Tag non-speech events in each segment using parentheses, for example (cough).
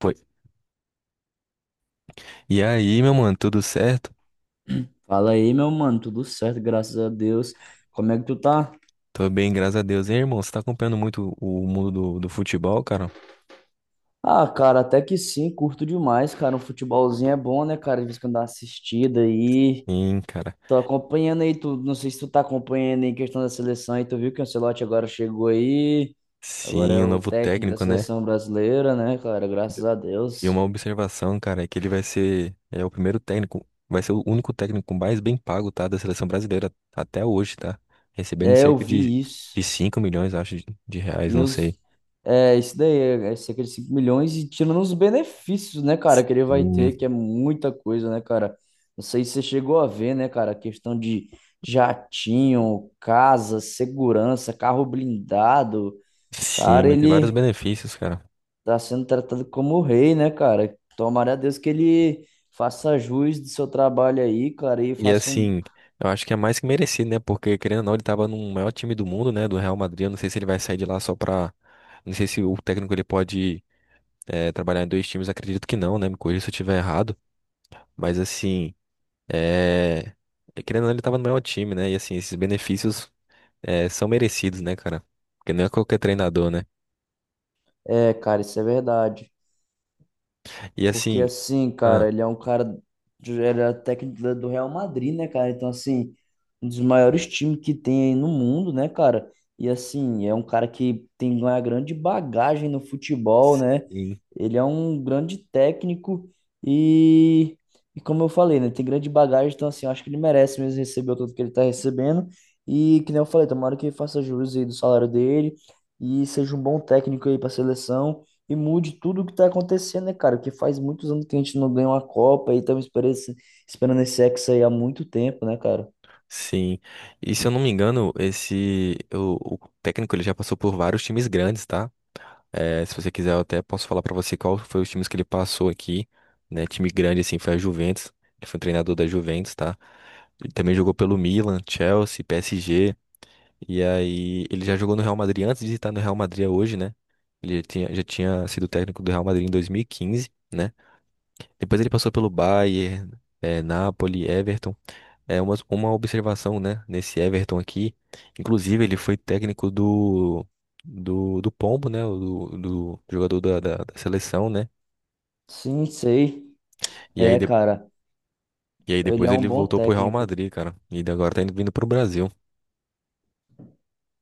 Foi. E aí, meu mano, tudo certo? Fala aí, meu mano, tudo certo, graças a Deus. Como é que tu tá? Tô bem, graças a Deus. Hein, irmão, você tá acompanhando muito o mundo do futebol, cara? Ah, cara, até que sim, curto demais, cara. Um futebolzinho é bom, né, cara? De vez em quando dá uma assistida aí. Sim, cara. Tô acompanhando aí, tu, não sei se tu tá acompanhando aí em questão da seleção aí, tu viu que o Ancelotti agora chegou aí. Agora Sim, é o o novo técnico da técnico, né? seleção brasileira, né, cara? Graças a E uma Deus. observação, cara, é que ele vai ser o único técnico mais bem pago, tá? Da seleção brasileira até hoje, tá? Recebendo É, eu cerca de, vi de isso. 5 milhões, acho, de reais, E não os. sei. É, isso daí, é cerca de 5 milhões e tirando os benefícios, né, cara, que ele vai ter, Hum, que é muita coisa, né, cara? Não sei se você chegou a ver, né, cara, a questão de jatinho, casa, segurança, carro blindado. sim, Cara, vai ter vários ele benefícios, cara. tá sendo tratado como o rei, né, cara? Tomara a Deus que ele faça jus do seu trabalho aí, cara, e E faça um. assim, eu acho que é mais que merecido, né? Porque, querendo ou não, ele tava no maior time do mundo, né? Do Real Madrid. Eu não sei se ele vai sair de lá só pra. Não sei se o técnico ele pode trabalhar em dois times. Acredito que não, né? Me corrija se eu estiver errado. Mas assim, é... querendo ou não, ele tava no maior time, né? E assim, esses benefícios são merecidos, né, cara? Porque não é qualquer treinador, né? É, cara, isso é verdade. E Porque assim. assim, Ah, cara, ele é um cara. Ele é técnico do Real Madrid, né, cara? Então, assim, um dos maiores times que tem aí no mundo, né, cara? E assim, é um cara que tem uma grande bagagem no futebol, né? sim, Ele é um grande técnico e, e como eu falei, né? Tem grande bagagem, então assim, eu acho que ele merece mesmo receber o tanto que ele tá recebendo. E que nem eu falei, tomara que ele faça jus aí do salário dele e seja um bom técnico aí pra seleção e mude tudo o que tá acontecendo, né, cara? Porque faz muitos anos que a gente não ganha uma Copa e estamos esperando esperando esse Hexa aí há muito tempo, né, cara? sim. E se eu não me engano, esse. O técnico ele já passou por vários times grandes, tá? É, se você quiser, eu até posso falar pra você qual foi os times que ele passou aqui, né? Time grande, assim, foi a Juventus. Ele foi um treinador da Juventus, tá? Ele também jogou pelo Milan, Chelsea, PSG. E aí, ele já jogou no Real Madrid antes de estar no Real Madrid hoje, né? Ele já tinha sido técnico do Real Madrid em 2015, né? Depois ele passou pelo Bayern, Napoli, Everton. É uma observação, né, nesse Everton aqui. Inclusive, ele foi técnico do Pombo, né, do jogador da seleção, né? Sim, sei. E aí, É, cara, e aí ele depois é um ele bom voltou pro Real técnico. Madrid, cara. E ele agora tá indo, vindo pro Brasil.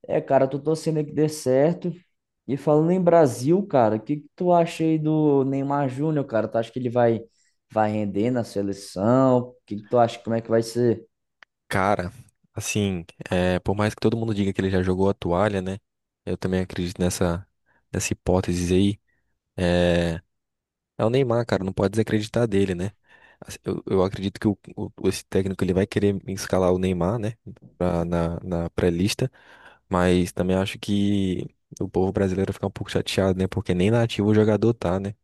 É, cara, tô torcendo aí que dê certo. E falando em Brasil, cara, o que que tu acha aí do Neymar Júnior, cara? Tu acha que ele vai render na seleção? O que que tu acha? Como é que vai ser? Cara, assim, por mais que todo mundo diga que ele já jogou a toalha, né? Eu também acredito nessa hipótese aí. É, É o Neymar, cara, não pode desacreditar dele, né? Assim, Eu acredito que esse técnico ele vai querer escalar o Neymar, né? Na pré-lista, mas também acho que o povo brasileiro fica um pouco chateado, né? Porque nem nativo o jogador tá, né?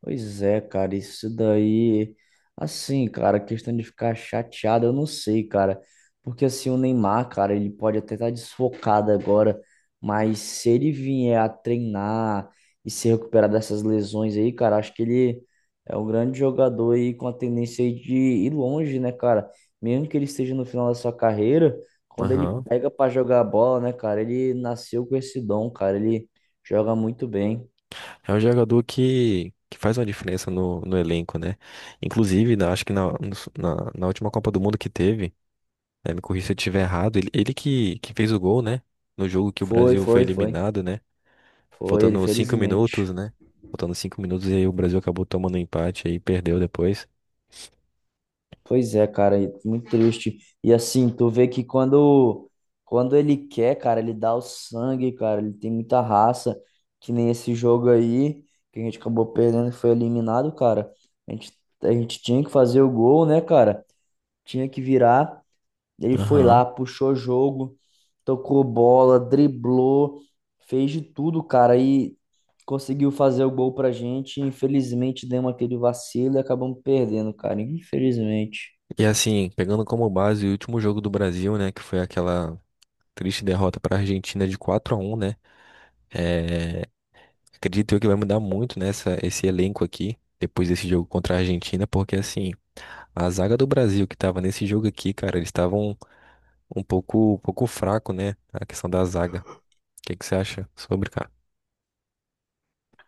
Pois é, cara, isso daí, assim, cara, questão de ficar chateado, eu não sei, cara, porque assim, o Neymar, cara, ele pode até estar desfocado agora, mas se ele vier a treinar e se recuperar dessas lesões aí, cara, acho que ele é um grande jogador aí com a tendência aí de ir longe, né, cara? Mesmo que ele esteja no final da sua carreira, quando ele Aham. pega pra jogar bola, né, cara, ele nasceu com esse dom, cara, ele joga muito bem. É um jogador que faz uma diferença no elenco, né? Inclusive, acho que na última Copa do Mundo que teve, né, me corrija se eu estiver errado, ele que fez o gol, né? No jogo que o Foi, Brasil foi foi, foi. eliminado, né? Foi ele, Faltando 5 minutos, felizmente. né? Faltando cinco minutos e aí o Brasil acabou tomando um empate aí, perdeu depois. Pois é, cara, e muito triste. E assim, tu vê que quando, quando ele quer, cara, ele dá o sangue, cara, ele tem muita raça, que nem esse jogo aí, que a gente acabou perdendo e foi eliminado, cara. A gente, a gente tinha que fazer o gol, né, cara? Tinha que virar. Ele foi Aham. lá, puxou jogo, tocou bola, driblou, fez de tudo, cara, e conseguiu fazer o gol pra gente. Infelizmente, demos aquele vacilo e acabamos perdendo, cara. Infelizmente. E assim, pegando como base o último jogo do Brasil, né? Que foi aquela triste derrota para a Argentina de 4-1, né? É, acredito eu que vai mudar muito nessa esse elenco aqui. Depois desse jogo contra a Argentina, porque assim, a zaga do Brasil que tava nesse jogo aqui, cara, eles estavam um pouco fraco, né? A questão da zaga. O que que você acha sobre, cara?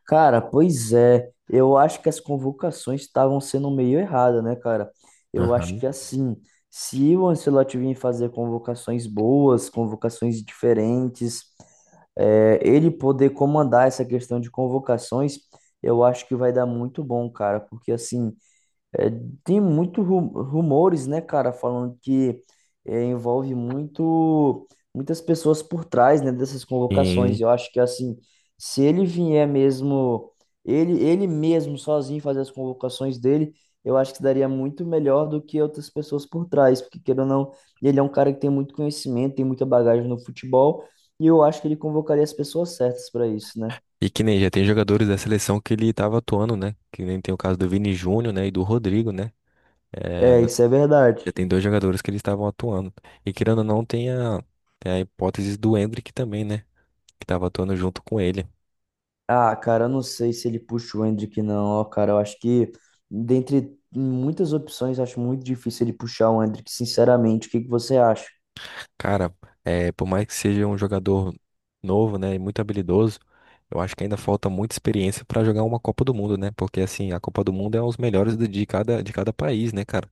Cara, pois é. Eu acho que as convocações estavam sendo meio erradas, né, cara? Eu acho Aham. que assim, se o Ancelotti vir fazer convocações boas, convocações diferentes, ele poder comandar essa questão de convocações, eu acho que vai dar muito bom, cara, porque assim, é, tem muitos rumores, né, cara, falando que envolve muito muitas pessoas por trás, né, dessas convocações. Sim. Eu acho que assim, se ele vier mesmo, ele mesmo sozinho fazer as convocações dele, eu acho que daria muito melhor do que outras pessoas por trás, porque queira ou não, ele é um cara que tem muito conhecimento, tem muita bagagem no futebol, e eu acho que ele convocaria as pessoas certas para isso, né? E que nem já tem jogadores da seleção que ele tava atuando, né? Que nem tem o caso do Vini Júnior, né? E do Rodrigo, né? É, É, isso é verdade. já tem dois jogadores que eles estavam atuando. E querendo ou não, tem a hipótese do Endrick também, né? Que tava atuando junto com ele. Ah, cara, eu não sei se ele puxa o Hendrick, não, ó, cara. Eu acho que, dentre muitas opções, eu acho muito difícil ele puxar o Hendrick, sinceramente. O que que você acha? Cara, por mais que seja um jogador novo, né? E muito habilidoso, eu acho que ainda falta muita experiência pra jogar uma Copa do Mundo, né? Porque, assim, a Copa do Mundo é os melhores de cada país, né, cara?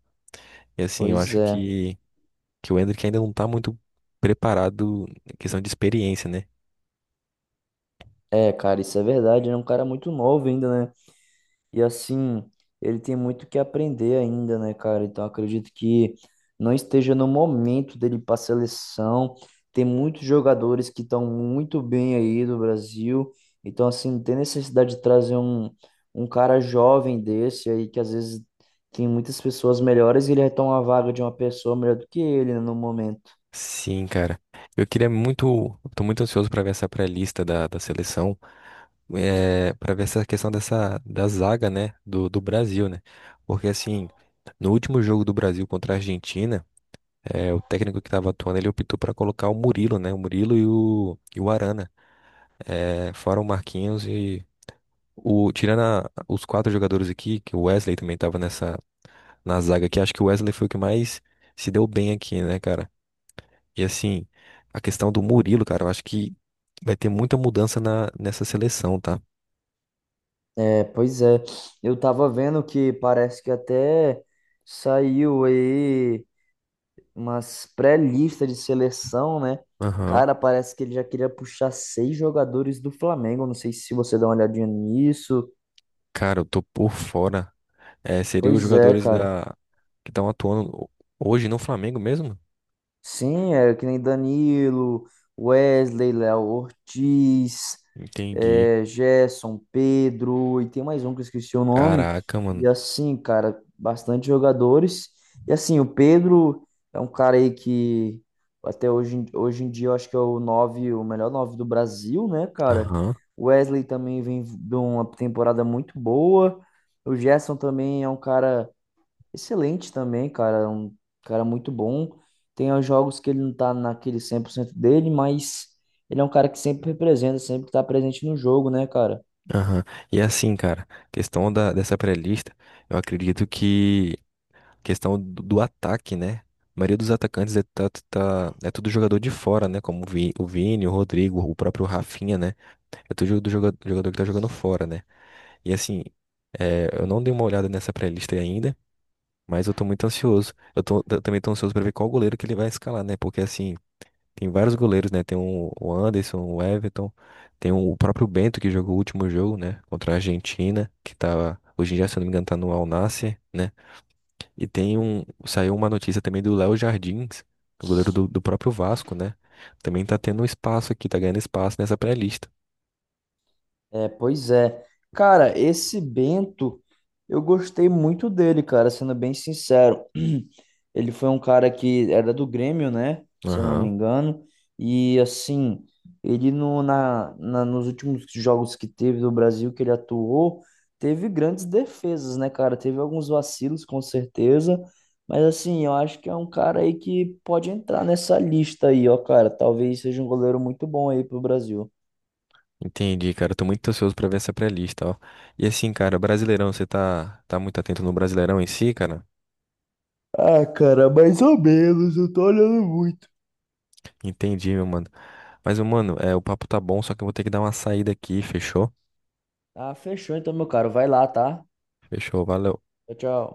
E, assim, eu Pois acho é. que o Endrick ainda não tá muito preparado em questão de experiência, né? É, cara, isso é verdade. Ele é um cara muito novo ainda. E assim, ele tem muito que aprender ainda, né, cara? Então acredito que não esteja no momento dele ir para a seleção. Tem muitos jogadores que estão muito bem aí do Brasil. Então, assim, não tem necessidade de trazer um cara jovem desse aí, que às vezes tem muitas pessoas melhores e ele retoma a vaga de uma pessoa melhor do que ele, né, no momento. Sim, cara. Eu queria muito, eu tô muito ansioso pra ver essa pré-lista da seleção, para ver essa questão dessa da zaga, né, do Brasil, né? Porque assim, no último jogo do Brasil contra a Argentina, o técnico que tava atuando, ele optou pra colocar o Murilo, né? O Murilo e o Arana, fora o Marquinhos e o tirando a- os quatro jogadores aqui, que o Wesley também tava nessa na zaga aqui. Acho que o Wesley foi o que mais se deu bem aqui, né, cara? E assim, a questão do Murilo, cara, eu acho que vai ter muita mudança na, nessa seleção, tá? É, pois é. Eu tava vendo que parece que até saiu aí umas pré-lista de seleção, né? Aham. Cara, parece que ele já queria puxar 6 jogadores do Flamengo. Não sei se você dá uma olhadinha nisso. Cara, eu tô por fora. É, seriam os Pois é, jogadores cara. da que estão atuando hoje no Flamengo mesmo? Sim, é que nem Danilo, Wesley, Léo Ortiz, Entendi. Gerson, Pedro, e tem mais um que eu esqueci o nome. Caraca, mano. E assim, cara, bastante jogadores. E assim, o Pedro é um cara aí que hoje em dia eu acho que é o nove, o melhor nove do Brasil, né, cara? Aham, O Wesley também vem de uma temporada muito boa. O Gerson também é um cara excelente também, cara. Um cara muito bom. Tem os jogos que ele não tá naquele 100% dele, mas ele é um cara que sempre representa, sempre tá presente no jogo, né, cara? aham. E assim, cara, questão da, dessa pré-lista, eu acredito que questão do ataque, né? A maioria dos atacantes é tudo jogador de fora, né? Como o Vini, o Rodrigo, o próprio Rafinha, né? É tudo jogador que tá jogando fora, né? E assim, eu não dei uma olhada nessa pré-lista aí ainda, mas eu tô muito ansioso. Eu também tô ansioso pra ver qual goleiro que ele vai escalar, né? Porque assim, tem vários goleiros, né? Tem o Anderson, o Everton, tem o próprio Bento que jogou o último jogo, né? Contra a Argentina, que tá, hoje em dia, se eu não me engano, tá no Al Nassr, né? E tem um, saiu uma notícia também do Léo Jardins, o goleiro do próprio Vasco, né? Também tá tendo um espaço aqui, tá ganhando espaço nessa pré-lista. É, pois é. Cara, esse Bento, eu gostei muito dele, cara, sendo bem sincero. (clears throat) Ele foi um cara que era do Grêmio, né? Se eu não me Aham. engano. E assim, ele no, na, na- nos últimos jogos que teve do Brasil que ele atuou, teve grandes defesas, né, cara? Teve alguns vacilos, com certeza. Mas assim, eu acho que é um cara aí que pode entrar nessa lista aí, ó, cara. Talvez seja um goleiro muito bom aí pro Brasil. Entendi, cara. Tô muito ansioso pra ver essa pré-lista, ó. E assim, cara, Brasileirão, você tá muito atento no Brasileirão em si, cara? Ah, cara, mais ou menos, eu tô olhando muito. Entendi, meu mano. Mas, meu mano, o papo tá bom, só que eu vou ter que dar uma saída aqui, fechou? Ah, fechou então, meu caro. Vai lá, tá? Fechou, valeu. Tchau, tchau.